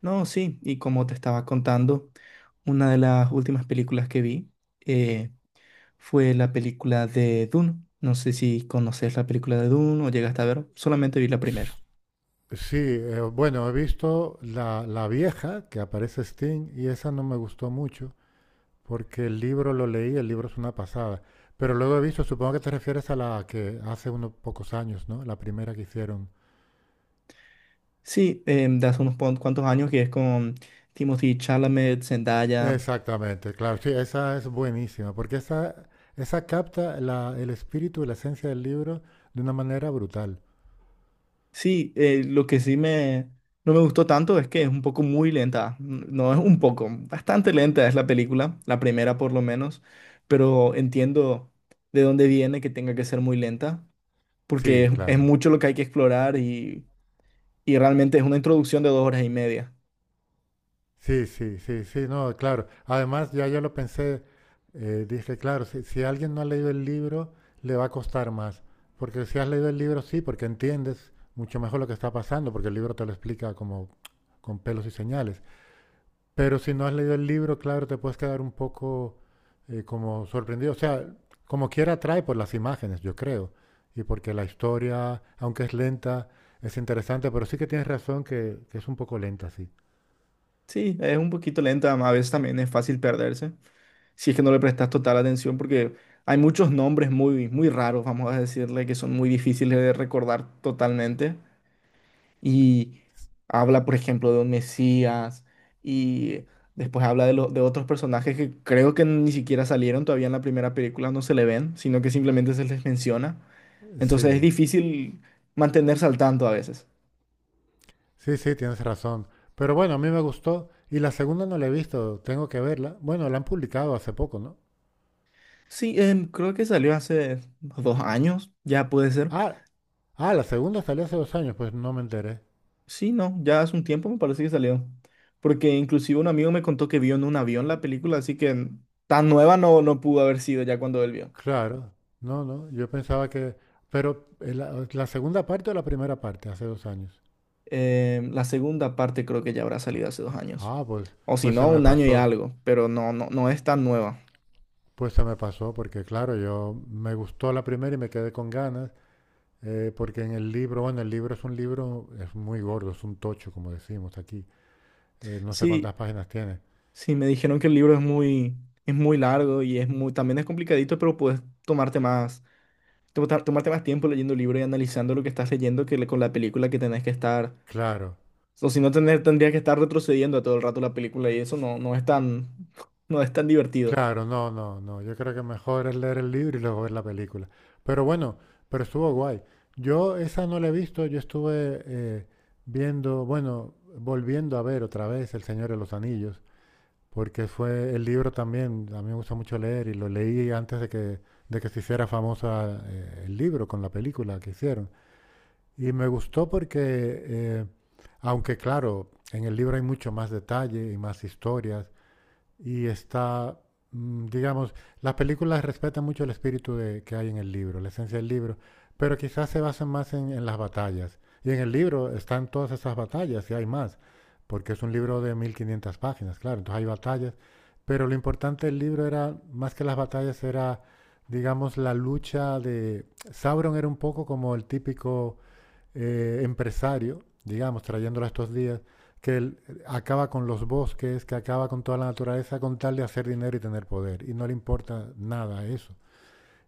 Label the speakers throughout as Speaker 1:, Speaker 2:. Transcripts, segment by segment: Speaker 1: No, sí, y como te estaba contando, una de las últimas películas que vi eh, fue la película de Dune. No sé si conoces la película de Dune o llegaste a ver, solamente vi la primera.
Speaker 2: Sí, bueno, he visto la vieja que aparece Sting y esa no me gustó mucho porque el libro lo leí, el libro es una pasada. Pero luego he visto, supongo que te refieres a la que hace unos pocos años, ¿no? La primera que hicieron.
Speaker 1: Sí, de hace unos cuantos años que es con Timothy Chalamet, Zendaya.
Speaker 2: Exactamente, claro, sí, esa es buenísima porque esa capta el espíritu y la esencia del libro de una manera brutal.
Speaker 1: Sí, lo que sí me, no me gustó tanto es que es un poco muy lenta. No es un poco, bastante lenta es la película, la primera por lo menos, pero entiendo de dónde viene que tenga que ser muy lenta porque
Speaker 2: Sí,
Speaker 1: es
Speaker 2: claro.
Speaker 1: mucho lo que hay que explorar y realmente es una introducción de 2 horas y media.
Speaker 2: Sí, sí, sí, sí, no, claro. Además, ya yo lo pensé, dije, claro, si alguien no ha leído el libro, le va a costar más. Porque si has leído el libro, sí, porque entiendes mucho mejor lo que está pasando, porque el libro te lo explica como con pelos y señales. Pero si no has leído el libro, claro, te puedes quedar un poco como sorprendido. O sea, como quiera atrae por las imágenes, yo creo. Y porque la historia, aunque es lenta, es interesante, pero sí que tienes razón que es un poco lenta, sí.
Speaker 1: Sí, es un poquito lenta, a veces también es fácil perderse, si es que no le prestas total atención, porque hay muchos nombres muy, muy raros, vamos a decirle, que son muy difíciles de recordar totalmente. Y habla, por ejemplo, de un Mesías y después habla de otros personajes que creo que ni siquiera salieron todavía en la primera película, no se le ven, sino que simplemente se les menciona. Entonces es
Speaker 2: Sí.
Speaker 1: difícil mantenerse al tanto a veces.
Speaker 2: Sí, sí, tienes razón. Pero bueno, a mí me gustó. Y la segunda no la he visto, tengo que verla. Bueno, la han publicado hace poco, ¿no?
Speaker 1: Sí, creo que salió hace 2 años, ya puede ser.
Speaker 2: Ah, ah, la segunda salió hace dos años, pues no me enteré.
Speaker 1: Sí, no, ya hace un tiempo me parece que salió. Porque inclusive un amigo me contó que vio en un avión la película, así que tan nueva no pudo haber sido ya cuando él vio.
Speaker 2: Claro, no, no, yo pensaba que... Pero la segunda parte o la primera parte, hace dos años.
Speaker 1: La segunda parte creo que ya habrá salido hace 2 años.
Speaker 2: Ah, pues,
Speaker 1: O si
Speaker 2: pues se
Speaker 1: no,
Speaker 2: me
Speaker 1: un año y
Speaker 2: pasó,
Speaker 1: algo, pero no es tan nueva.
Speaker 2: pues se me pasó, porque claro, yo me gustó la primera y me quedé con ganas, porque en el libro, bueno, el libro es un libro, es muy gordo, es un tocho, como decimos aquí, no sé cuántas
Speaker 1: Sí,
Speaker 2: páginas tiene.
Speaker 1: sí, me dijeron que el libro es muy, largo y también es complicadito, pero puedes tomarte más tiempo leyendo el libro y analizando lo que estás leyendo con la película que tenés que estar.
Speaker 2: Claro,
Speaker 1: O si no, tendrías que estar retrocediendo a todo el rato la película y eso no es tan, no es tan divertido.
Speaker 2: claro, no, no, no. Yo creo que mejor es leer el libro y luego ver la película. Pero bueno, pero estuvo guay. Yo esa no la he visto, yo estuve viendo, bueno, volviendo a ver otra vez El Señor de los Anillos, porque fue el libro también, a mí me gusta mucho leer y lo leí antes de de que se hiciera famosa el libro con la película que hicieron. Y me gustó porque, aunque claro, en el libro hay mucho más detalle y más historias, y está, digamos, las películas respetan mucho el espíritu que hay en el libro, la esencia del libro, pero quizás se basan más en las batallas. Y en el libro están todas esas batallas y hay más, porque es un libro de 1500 páginas, claro, entonces hay batallas, pero lo importante del libro era, más que las batallas, era, digamos, la lucha de... Sauron era un poco como el típico empresario, digamos, trayéndolo a estos días, que él acaba con los bosques, que acaba con toda la naturaleza con tal de hacer dinero y tener poder. Y no le importa nada eso.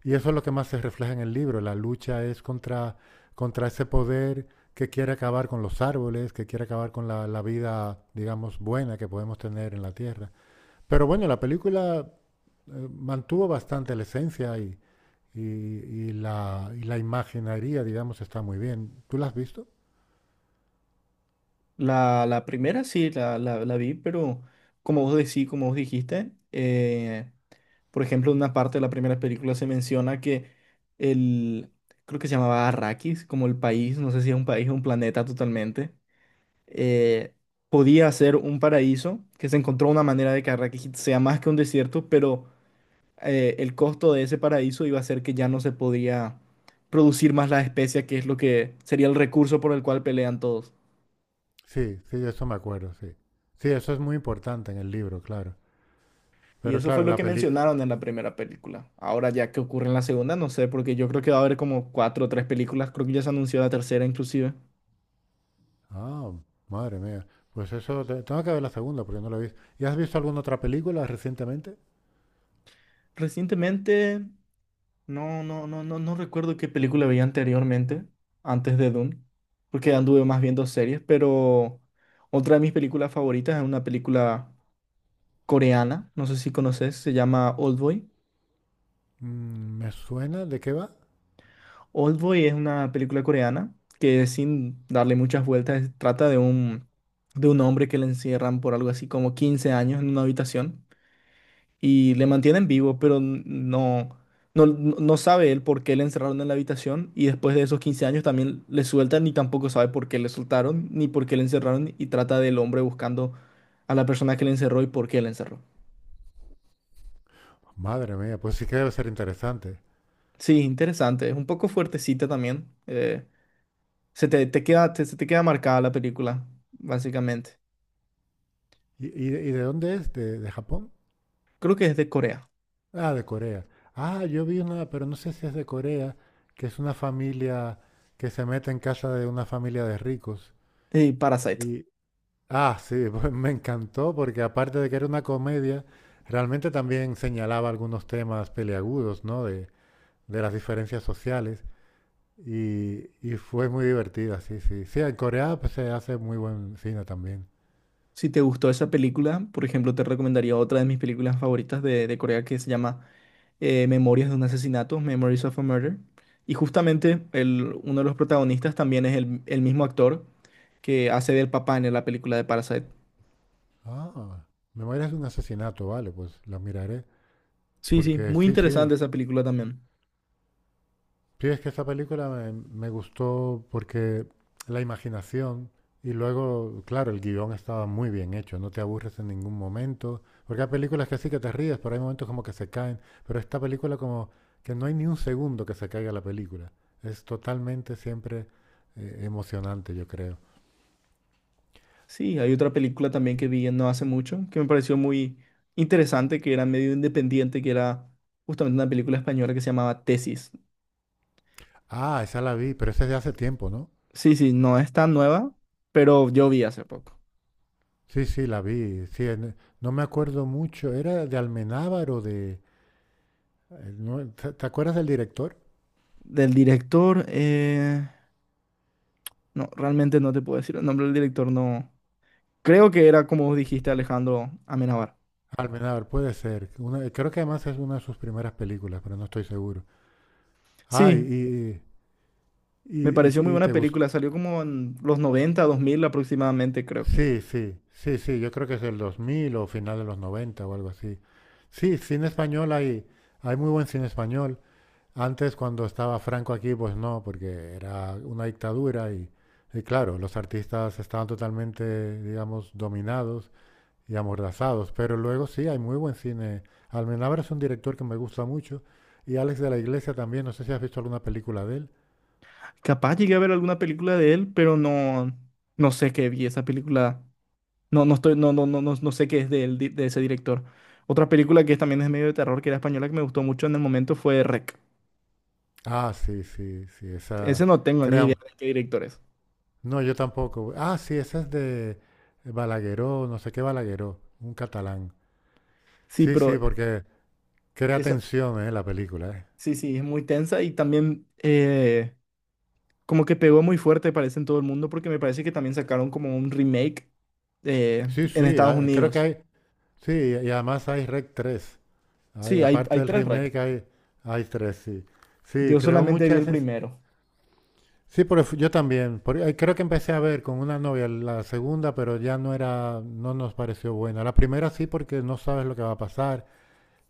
Speaker 2: Y eso es lo que más se refleja en el libro. La lucha es contra, contra ese poder que quiere acabar con los árboles, que quiere acabar con la vida, digamos, buena que podemos tener en la Tierra. Pero bueno, la película mantuvo bastante la esencia y, y la imaginería, digamos, está muy bien. ¿Tú la has visto?
Speaker 1: La primera sí, la vi, pero como vos decís, por ejemplo, en una parte de la primera película se menciona que el, creo que se llamaba Arrakis, como el país, no sé si es un país o un planeta totalmente eh, podía ser un paraíso, que se encontró una manera de que Arrakis sea más que un desierto, pero el costo de ese paraíso iba a ser que ya no se podía producir más la especia, que es lo que sería el recurso por el cual pelean todos.
Speaker 2: Sí, sí, de eso me acuerdo, sí. Sí, eso es muy importante en el libro, claro.
Speaker 1: Y
Speaker 2: Pero
Speaker 1: eso
Speaker 2: claro,
Speaker 1: fue
Speaker 2: en
Speaker 1: lo
Speaker 2: la
Speaker 1: que
Speaker 2: película...
Speaker 1: mencionaron en la primera película. Ahora ya que ocurre en la segunda, no sé, porque yo creo que va a haber como cuatro o tres películas, creo que ya se anunció la tercera inclusive.
Speaker 2: Ah, madre mía. Pues eso, tengo que ver la segunda porque no la he visto. ¿Y has visto alguna otra película recientemente?
Speaker 1: Recientemente no recuerdo qué película veía anteriormente, antes de Dune, porque anduve más viendo series, pero otra de mis películas favoritas es una película coreana, no sé si conoces, se llama Oldboy.
Speaker 2: Mm, ¿me suena? ¿De qué va?
Speaker 1: Oldboy es una película coreana que sin darle muchas vueltas trata de un hombre que le encierran por algo así como 15 años en una habitación y le mantienen vivo, pero no, no sabe él por qué le encerraron en la habitación y después de esos 15 años también le sueltan y tampoco sabe por qué le soltaron ni por qué le encerraron y trata del hombre buscando a la persona que le encerró y por qué le encerró.
Speaker 2: Madre mía, pues sí que debe ser interesante.
Speaker 1: Sí, interesante, es un poco fuertecita también. Se te queda marcada la película, básicamente.
Speaker 2: ¿Y, y de dónde es? De Japón?
Speaker 1: Creo que es de Corea.
Speaker 2: Ah, de Corea. Ah, yo vi una, pero no sé si es de Corea, que es una familia que se mete en casa de una familia de ricos.
Speaker 1: Parasite.
Speaker 2: Y, ah, sí, pues me encantó porque aparte de que era una comedia, realmente también señalaba algunos temas peliagudos, ¿no? De las diferencias sociales y fue muy divertida, sí, sí. Sí, en Corea pues, se hace muy buen cine también.
Speaker 1: Si te gustó esa película, por ejemplo, te recomendaría otra de mis películas favoritas de Corea que se llama Memorias de un asesinato, Memories of a Murder. Y justamente uno de los protagonistas también es el mismo actor que hace del papá en la película de Parasite.
Speaker 2: Ah, Memorias de un asesinato, vale, pues la miraré.
Speaker 1: Sí, sí,
Speaker 2: Porque
Speaker 1: muy
Speaker 2: sí, sí.
Speaker 1: interesante esa película también.
Speaker 2: Sí, es que esa película me gustó porque la imaginación y luego, claro, el guión estaba muy bien hecho, no te aburres en ningún momento, porque hay películas que sí que te ríes, pero hay momentos como que se caen, pero esta película como que no hay ni un segundo que se caiga la película, es totalmente siempre emocionante, yo creo.
Speaker 1: Sí, hay otra película también que vi no hace mucho que me pareció muy interesante, que era medio independiente, que era justamente una película española que se llamaba Tesis.
Speaker 2: Ah, esa la vi, pero esa es de hace tiempo, ¿no?
Speaker 1: Sí, sí, no es tan nueva, pero yo vi hace poco.
Speaker 2: Sí, sí, la vi, sí, no me acuerdo mucho, era de Almenábar o de... no, ¿Te acuerdas del director?
Speaker 1: Del director, no, realmente no te puedo decir el nombre del director, no, creo que era como dijiste Alejandro Amenábar.
Speaker 2: Almenábar, puede ser. Una- creo que además es una de sus primeras películas, pero no estoy seguro.
Speaker 1: Sí,
Speaker 2: Ay,
Speaker 1: me pareció muy buena
Speaker 2: te gustó.
Speaker 1: película. Salió como en los 90 2000 aproximadamente, creo que.
Speaker 2: Sí, sí, sí, sí, yo creo que es el 2000 o final de los 90 o algo así. Sí, cine español hay, hay muy buen cine español. Antes, cuando estaba Franco aquí, pues no, porque era una dictadura y claro, los artistas estaban totalmente, digamos, dominados y amordazados. Pero luego sí, hay muy buen cine. Almenabra es un director que me gusta mucho. Y Alex de la Iglesia también, no sé si has visto alguna película de él.
Speaker 1: Capaz llegué a ver alguna película de él, pero no, no sé qué vi esa película. No, no estoy, no, no sé qué es de él, de ese director. Otra película que también es medio de terror, que era española, que me gustó mucho en el momento fue REC.
Speaker 2: Ah, sí, sí, sí, esa...
Speaker 1: Ese no tengo ni idea
Speaker 2: Crean,
Speaker 1: de qué director es.
Speaker 2: no, yo tampoco. Ah, sí, esa es de Balagueró, no sé qué Balagueró, un catalán.
Speaker 1: Sí,
Speaker 2: Sí, sí,
Speaker 1: pero
Speaker 2: porque crea
Speaker 1: esa,
Speaker 2: tensión, la película, eh.
Speaker 1: sí, sí, es muy tensa y también como que pegó muy fuerte, parece, en todo el mundo, porque me parece que también sacaron como un remake
Speaker 2: Sí,
Speaker 1: en
Speaker 2: sí,
Speaker 1: Estados
Speaker 2: creo que
Speaker 1: Unidos.
Speaker 2: hay... Sí, y además hay Rec 3. Hay,
Speaker 1: Sí, hay,
Speaker 2: aparte
Speaker 1: hay
Speaker 2: del
Speaker 1: 3 rec.
Speaker 2: remake hay, hay 3 sí. Sí,
Speaker 1: Yo
Speaker 2: creó
Speaker 1: solamente vi el
Speaker 2: muchas.
Speaker 1: primero.
Speaker 2: Sí, pero yo también. Creo que empecé a ver con una novia la segunda, pero ya no era, no nos pareció buena. La primera sí, porque no sabes lo que va a pasar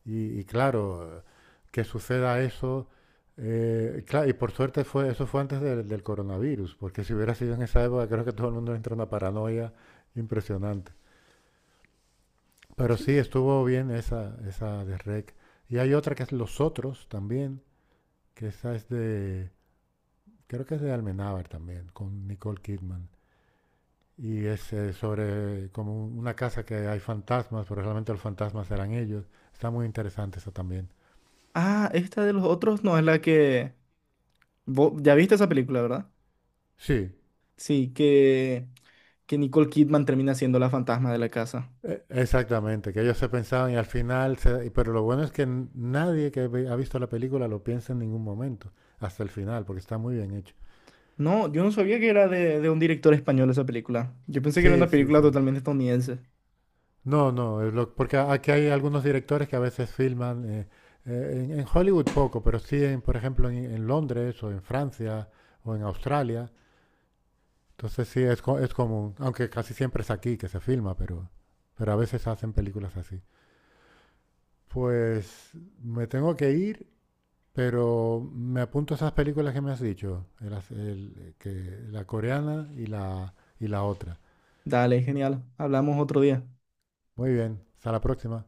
Speaker 2: y claro, que suceda eso. Y por suerte fue, eso fue antes del coronavirus, porque si hubiera sido en esa época, creo que todo el mundo entra en una paranoia impresionante. Pero sí,
Speaker 1: Sí.
Speaker 2: estuvo bien esa, esa de REC. Y hay otra que es Los Otros también, que esa es de, creo que es de Almenábar también, con Nicole Kidman. Y es sobre como una casa que hay fantasmas, pero realmente los fantasmas eran ellos. Está muy interesante eso también.
Speaker 1: Ah, esta de los otros no es la que... ya viste esa película, ¿verdad?
Speaker 2: Sí,
Speaker 1: Sí, que Nicole Kidman termina siendo la fantasma de la casa.
Speaker 2: exactamente, que ellos se pensaban y al final, pero lo bueno es que nadie que ha visto la película lo piensa en ningún momento, hasta el final, porque está muy bien hecho.
Speaker 1: No, yo no sabía que era de un director español esa película. Yo pensé que era
Speaker 2: Sí,
Speaker 1: una
Speaker 2: sí,
Speaker 1: película
Speaker 2: sí.
Speaker 1: totalmente estadounidense.
Speaker 2: No, no, porque aquí hay algunos directores que a veces filman, en Hollywood poco, pero sí, en, por ejemplo, en Londres o en Francia o en Australia. Sí, es común, aunque casi siempre es aquí que se filma, pero a veces hacen películas así. Pues me tengo que ir, pero me apunto esas películas que me has dicho, el as- el- que, la coreana y y la otra.
Speaker 1: Dale, genial. Hablamos otro día.
Speaker 2: Muy bien, hasta la próxima.